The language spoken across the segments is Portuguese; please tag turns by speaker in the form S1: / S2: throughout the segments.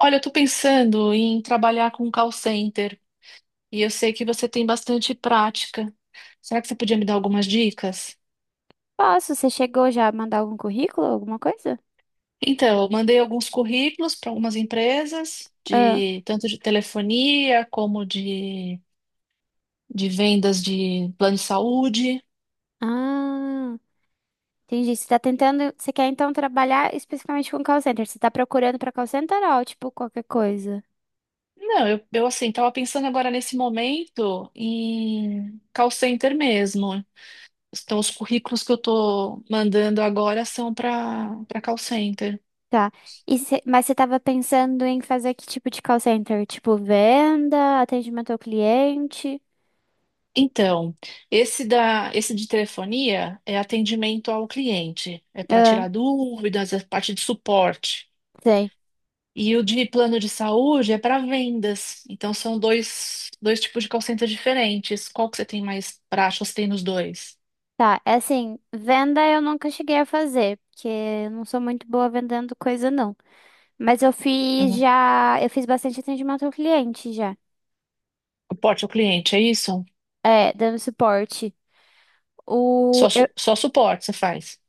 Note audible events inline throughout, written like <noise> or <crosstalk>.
S1: Olha, eu tô pensando em trabalhar com call center e eu sei que você tem bastante prática. Será que você podia me dar algumas dicas?
S2: Posso? Você chegou já a mandar algum currículo, alguma coisa?
S1: Então, eu mandei alguns currículos para algumas empresas,
S2: Ah,
S1: de tanto de telefonia como de vendas de plano de saúde.
S2: ah, entendi. Você tá tentando, você quer então trabalhar especificamente com call center? Você tá procurando pra call center ou tipo qualquer coisa?
S1: Não, eu assim, estava pensando agora nesse momento em call center mesmo. Então, os currículos que eu estou mandando agora são para call center.
S2: Tá. Mas você tava pensando em fazer que tipo de call center? Tipo venda, atendimento ao cliente?
S1: Então, esse de telefonia é atendimento ao cliente, é para
S2: Ah,
S1: tirar dúvidas, é parte de suporte.
S2: sei.
S1: E o de plano de saúde é para vendas. Então, são dois tipos de call center diferentes. Qual que você tem mais prática? Você tem nos dois?
S2: Tá, é assim, venda eu nunca cheguei a fazer, porque eu não sou muito boa vendendo coisa não. Mas eu fiz
S1: Uhum.
S2: já, eu fiz bastante atendimento ao cliente já.
S1: Suporte ao cliente, é isso?
S2: É, dando suporte.
S1: Só,
S2: O, eu-
S1: su- só suporte você faz.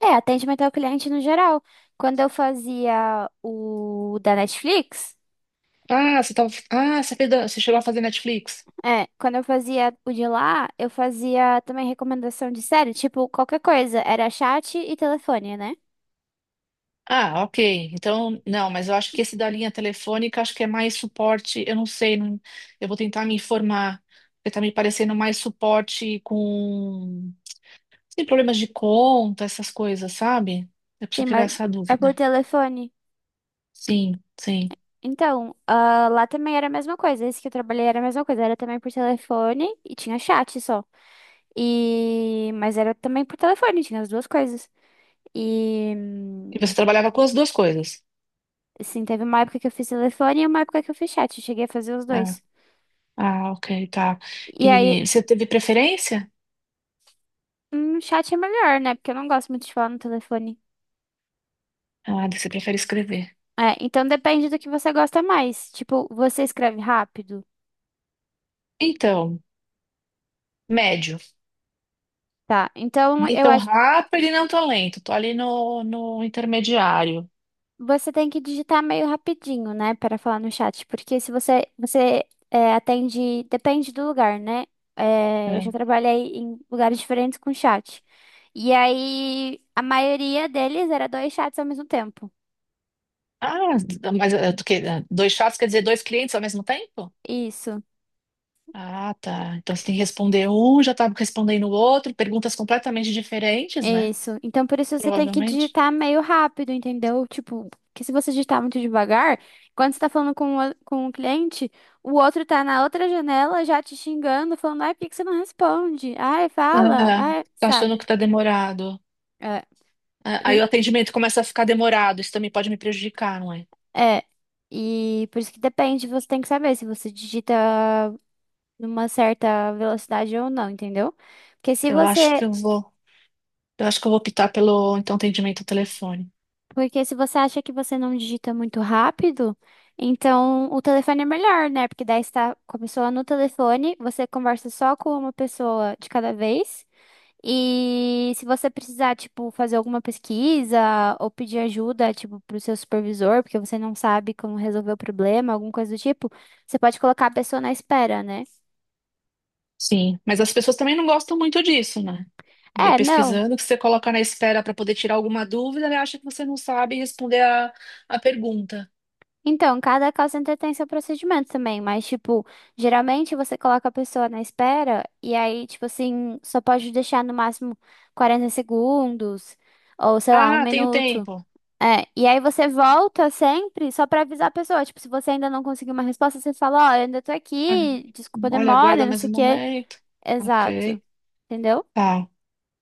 S2: é, atendimento ao cliente no geral. Quando eu fazia o da Netflix,
S1: Ah, você tava, ah, você, fez, da- Você chegou a fazer Netflix?
S2: é, quando eu fazia o de lá, eu fazia também recomendação de série, tipo, qualquer coisa. Era chat e telefone, né?
S1: Ah, ok. Então, não, mas eu acho que esse da linha telefônica, acho que é mais suporte. Eu não sei, eu vou tentar me informar. Porque tá me parecendo mais suporte com tem problemas de conta, essas coisas, sabe? Eu preciso
S2: Sim,
S1: tirar
S2: mas
S1: essa
S2: é por
S1: dúvida.
S2: telefone.
S1: Sim, sim.
S2: Então, ah, lá também era a mesma coisa. Esse que eu trabalhei era a mesma coisa. Era também por telefone e tinha chat só. Mas era também por telefone, tinha as duas coisas. E,
S1: E você trabalhava com as duas coisas?
S2: assim, teve uma época que eu fiz telefone e uma época que eu fiz chat. Eu cheguei a fazer os
S1: Ah,
S2: dois.
S1: ah, ok, tá.
S2: E aí,
S1: E você teve preferência?
S2: chat é melhor, né? Porque eu não gosto muito de falar no telefone.
S1: Ah, você prefere escrever.
S2: É, então depende do que você gosta mais. Tipo, você escreve rápido.
S1: Então, médio.
S2: Tá, então
S1: Nem
S2: eu
S1: tão
S2: acho.
S1: rápido e não tão lento. Tô ali no intermediário.
S2: Você tem que digitar meio rapidinho, né, para falar no chat, porque se você é, atende, depende do lugar, né? É, eu
S1: É.
S2: já trabalhei em lugares diferentes com chat. E aí a maioria deles era dois chats ao mesmo tempo.
S1: Ah, mas eh, tu que- Dois chats quer dizer dois clientes ao mesmo tempo?
S2: Isso,
S1: Ah, tá. Então você tem que responder um, já tá respondendo o outro, perguntas completamente diferentes, né?
S2: isso. Então por isso você tem que
S1: Provavelmente.
S2: digitar meio rápido, entendeu? Tipo, que se você digitar muito devagar, quando você tá falando com o cliente, o outro tá na outra janela já te xingando, falando, ai, por que que você não responde? Ai, fala,
S1: Ah,
S2: ai,
S1: tá achando
S2: sabe?
S1: que tá demorado.
S2: É,
S1: Ah, aí
S2: e,
S1: o atendimento começa a ficar demorado, isso também pode me prejudicar, não é?
S2: é, e por isso que depende, você tem que saber se você digita numa certa velocidade ou não, entendeu? Porque se
S1: Eu acho que
S2: você,
S1: eu vou, eu acho que eu vou optar pelo então atendimento ao telefone.
S2: porque se você acha que você não digita muito rápido, então o telefone é melhor, né? Porque daí está com a pessoa no telefone, você conversa só com uma pessoa de cada vez. E se você precisar, tipo, fazer alguma pesquisa ou pedir ajuda, tipo, pro seu supervisor, porque você não sabe como resolver o problema, alguma coisa do tipo, você pode colocar a pessoa na espera, né?
S1: Sim, mas as pessoas também não gostam muito disso, né? Andei
S2: É, não.
S1: pesquisando que você coloca na espera para poder tirar alguma dúvida, ele acha que você não sabe responder a pergunta.
S2: Então, cada call center tem seu procedimento também, mas, tipo, geralmente você coloca a pessoa na espera e aí, tipo assim, só pode deixar no máximo 40 segundos ou, sei lá, um
S1: Ah, tenho
S2: minuto.
S1: tempo.
S2: É, e aí você volta sempre só pra avisar a pessoa. Tipo, se você ainda não conseguiu uma resposta, você fala, ó, eu ainda tô
S1: Ah,
S2: aqui, desculpa a
S1: olha,
S2: demora,
S1: aguarda
S2: não
S1: mais
S2: sei o
S1: um
S2: quê.
S1: momento.
S2: Exato,
S1: Ok.
S2: entendeu?
S1: Tá.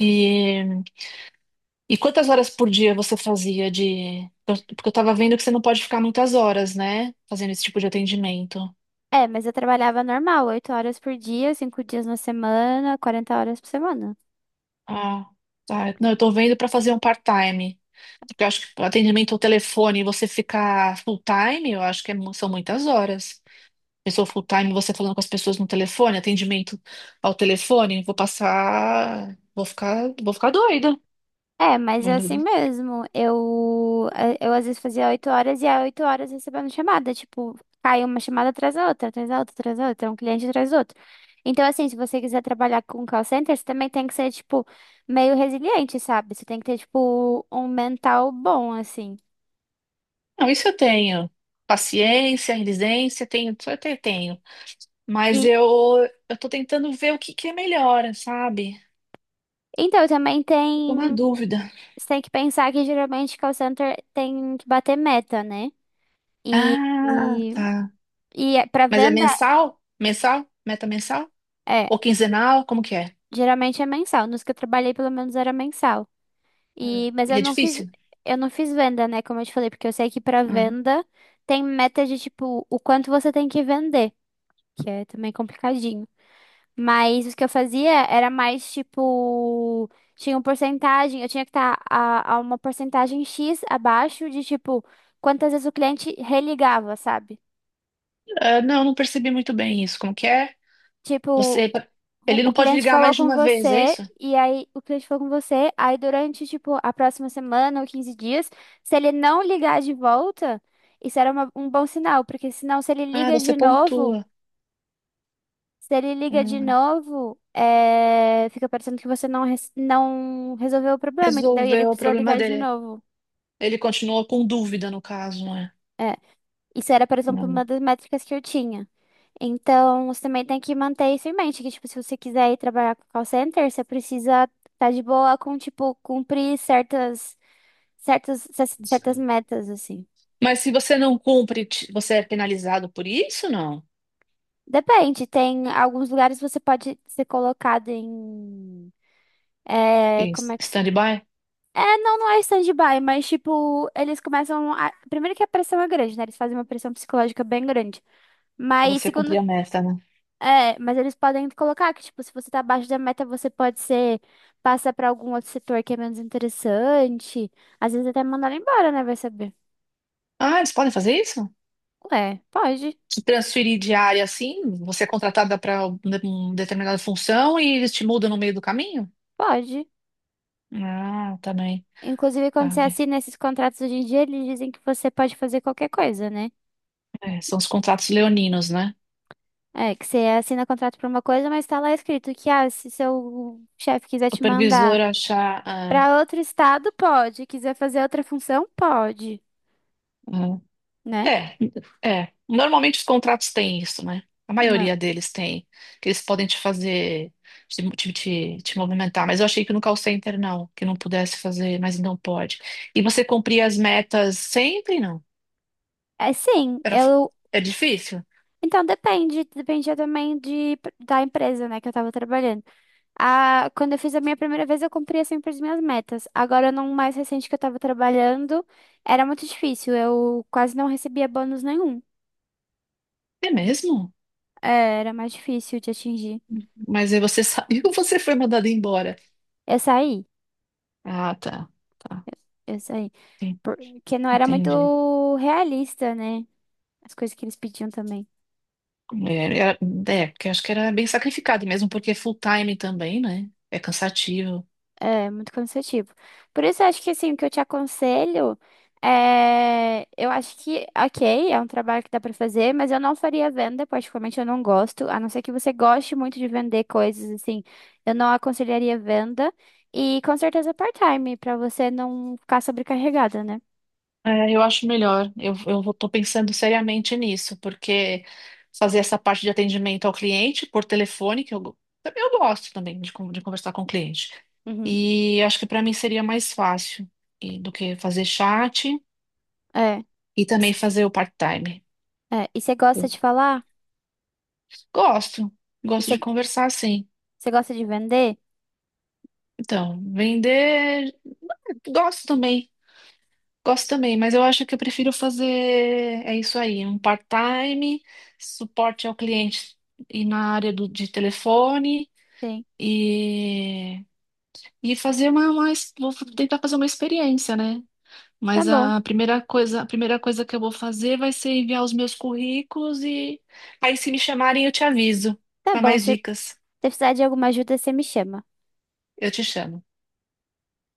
S1: E, e quantas horas por dia você fazia de. Porque eu tava vendo que você não pode ficar muitas horas, né? Fazendo esse tipo de atendimento.
S2: É, mas eu trabalhava normal, 8 horas por dia, 5 dias na semana, 40 horas por semana.
S1: Ah, tá. Não, eu tô vendo pra fazer um part-time. Porque eu acho que atendimento ao telefone, você ficar full-time, eu acho que é são muitas horas. Pessoa full-time, você falando com as pessoas no telefone, atendimento ao telefone, vou passar. Vou ficar doida.
S2: É, mas é
S1: Muito
S2: assim
S1: bem.
S2: mesmo. Eu às vezes fazia 8 horas e a 8 horas recebendo chamada. Tipo, cai uma chamada atrás da outra, atrás da outra, atrás da outra, um cliente atrás do outro. Então, assim, se você quiser trabalhar com call center, você também tem que ser, tipo, meio resiliente, sabe? Você tem que ter, tipo, um mental bom, assim.
S1: Não, isso eu tenho. Paciência, resiliência, tenho, isso tenho. Mas
S2: E
S1: eu, eu tô tentando ver o que que é melhor, sabe?
S2: então também
S1: Eu tô uma
S2: tem.
S1: dúvida.
S2: Você tem que pensar que geralmente call center tem que bater meta, né? E,
S1: Ah,
S2: e,
S1: tá.
S2: pra
S1: Mas é
S2: venda,
S1: mensal? Mensal? Meta mensal?
S2: é.
S1: Ou quinzenal? Como que é?
S2: Geralmente é mensal. Nos que eu trabalhei, pelo menos, era mensal. E, mas
S1: E é difícil?
S2: eu não fiz venda, né? Como eu te falei, porque eu sei que pra
S1: Hum.
S2: venda tem meta de tipo o quanto você tem que vender, que é também complicadinho. Mas o que eu fazia era mais tipo, tinha uma porcentagem, eu tinha que estar a uma porcentagem X abaixo de tipo quantas vezes o cliente religava, sabe?
S1: Ah, não, não percebi muito bem isso. Como que é?
S2: Tipo,
S1: Você,
S2: o
S1: ele
S2: o
S1: não pode
S2: cliente
S1: ligar
S2: falou
S1: mais de
S2: com
S1: uma vez, é
S2: você,
S1: isso?
S2: e aí o cliente falou com você, aí durante, tipo, a próxima semana ou 15 dias, se ele não ligar de volta, isso era uma- um bom sinal, porque senão se ele
S1: Ah,
S2: liga
S1: você
S2: de novo,
S1: pontua.
S2: se ele liga de
S1: Hum.
S2: novo, é, fica parecendo que você não, res- não resolveu o problema, entendeu? E ele
S1: Resolveu o
S2: precisou
S1: problema
S2: ligar de
S1: dele.
S2: novo.
S1: Ele continuou com dúvida, no caso, não é?
S2: É. Isso era, por exemplo,
S1: Hum.
S2: uma das métricas que eu tinha. Então, você também tem que manter isso em mente, que, tipo, se você quiser ir trabalhar com call center, você precisa estar de boa com, tipo, cumprir certas metas, assim.
S1: Mas se você não cumpre, você é penalizado por isso, não?
S2: Depende, tem alguns lugares você pode ser colocado em, é,
S1: Em
S2: como é que se...
S1: stand-by?
S2: É, não, não é stand-by, mas, tipo, eles começam a... Primeiro que a pressão é grande, né? Eles fazem uma pressão psicológica bem grande.
S1: Só
S2: Mas,
S1: você cumprir
S2: segundo
S1: a meta, né?
S2: é, mas eles podem colocar que, tipo, se você tá abaixo da meta, você pode ser, passar pra algum outro setor que é menos interessante. Às vezes até mandar ela embora, né? Vai saber.
S1: Ah, eles podem fazer isso?
S2: Ué, pode,
S1: Te transferir de área assim? Você é contratada para uma determinada função e eles te mudam no meio do caminho?
S2: pode.
S1: Ah, também.
S2: Inclusive,
S1: Tá
S2: quando você
S1: bem.
S2: assina esses contratos hoje em dia, eles dizem que você pode fazer qualquer coisa, né?
S1: É, são os contratos leoninos, né?
S2: É, que você assina contrato pra uma coisa, mas tá lá escrito que, ah, se seu chefe quiser te mandar
S1: Supervisor achar.
S2: pra outro estado, pode. Quiser fazer outra função, pode, né?
S1: É, é. Normalmente os contratos têm isso, né? A
S2: É,
S1: maioria deles tem, que eles podem te fazer, te movimentar. Mas eu achei que no call center não, que não pudesse fazer, mas não pode. E você cumprir as metas sempre, não.
S2: é, sim,
S1: Era,
S2: eu.
S1: é difícil?
S2: Então, depende, dependia também da empresa, né, que eu tava trabalhando. Ah, quando eu fiz a minha primeira vez, eu cumpria sempre as minhas metas. Agora, num mais recente que eu tava trabalhando, era muito difícil, eu quase não recebia bônus nenhum.
S1: É mesmo?
S2: É, era mais difícil de atingir.
S1: Mas aí você <laughs> sabe que você foi mandado embora.
S2: Eu saí,
S1: Ah, tá, tá.
S2: eu saí,
S1: Sim,
S2: porque não era
S1: entendi.
S2: muito realista, né, as coisas que eles pediam também.
S1: É, era- é, porque eu acho que era bem sacrificado mesmo, porque é full time também, né? É cansativo.
S2: É muito cansativo. Por isso, eu acho que assim, o que eu te aconselho é. Eu acho que, ok, é um trabalho que dá pra fazer, mas eu não faria venda, particularmente eu não gosto, a não ser que você goste muito de vender coisas, assim, eu não aconselharia venda. E com certeza part-time, pra você não ficar sobrecarregada, né?
S1: É, eu acho melhor. Eu tô pensando seriamente nisso, porque fazer essa parte de atendimento ao cliente por telefone, que eu gosto também de conversar com o cliente.
S2: Uhum.
S1: E acho que para mim seria mais fácil do que fazer chat
S2: É.
S1: e também
S2: Is-
S1: fazer o part-time.
S2: É. E você gosta
S1: Eu
S2: de falar?
S1: gosto,
S2: E
S1: gosto
S2: você
S1: de conversar sim.
S2: você gosta de vender?
S1: Então, vender, gosto também. Gosto também, mas eu acho que eu prefiro fazer, é isso aí, um part-time, suporte ao cliente e na área de telefone
S2: Sim.
S1: e, e fazer vou tentar fazer uma experiência, né?
S2: Tá
S1: Mas
S2: bom,
S1: a primeira coisa que eu vou fazer vai ser enviar os meus currículos e aí se me chamarem eu te aviso
S2: tá
S1: para
S2: bom.
S1: mais
S2: Se
S1: dicas.
S2: precisar de alguma ajuda, você me chama.
S1: Eu te chamo.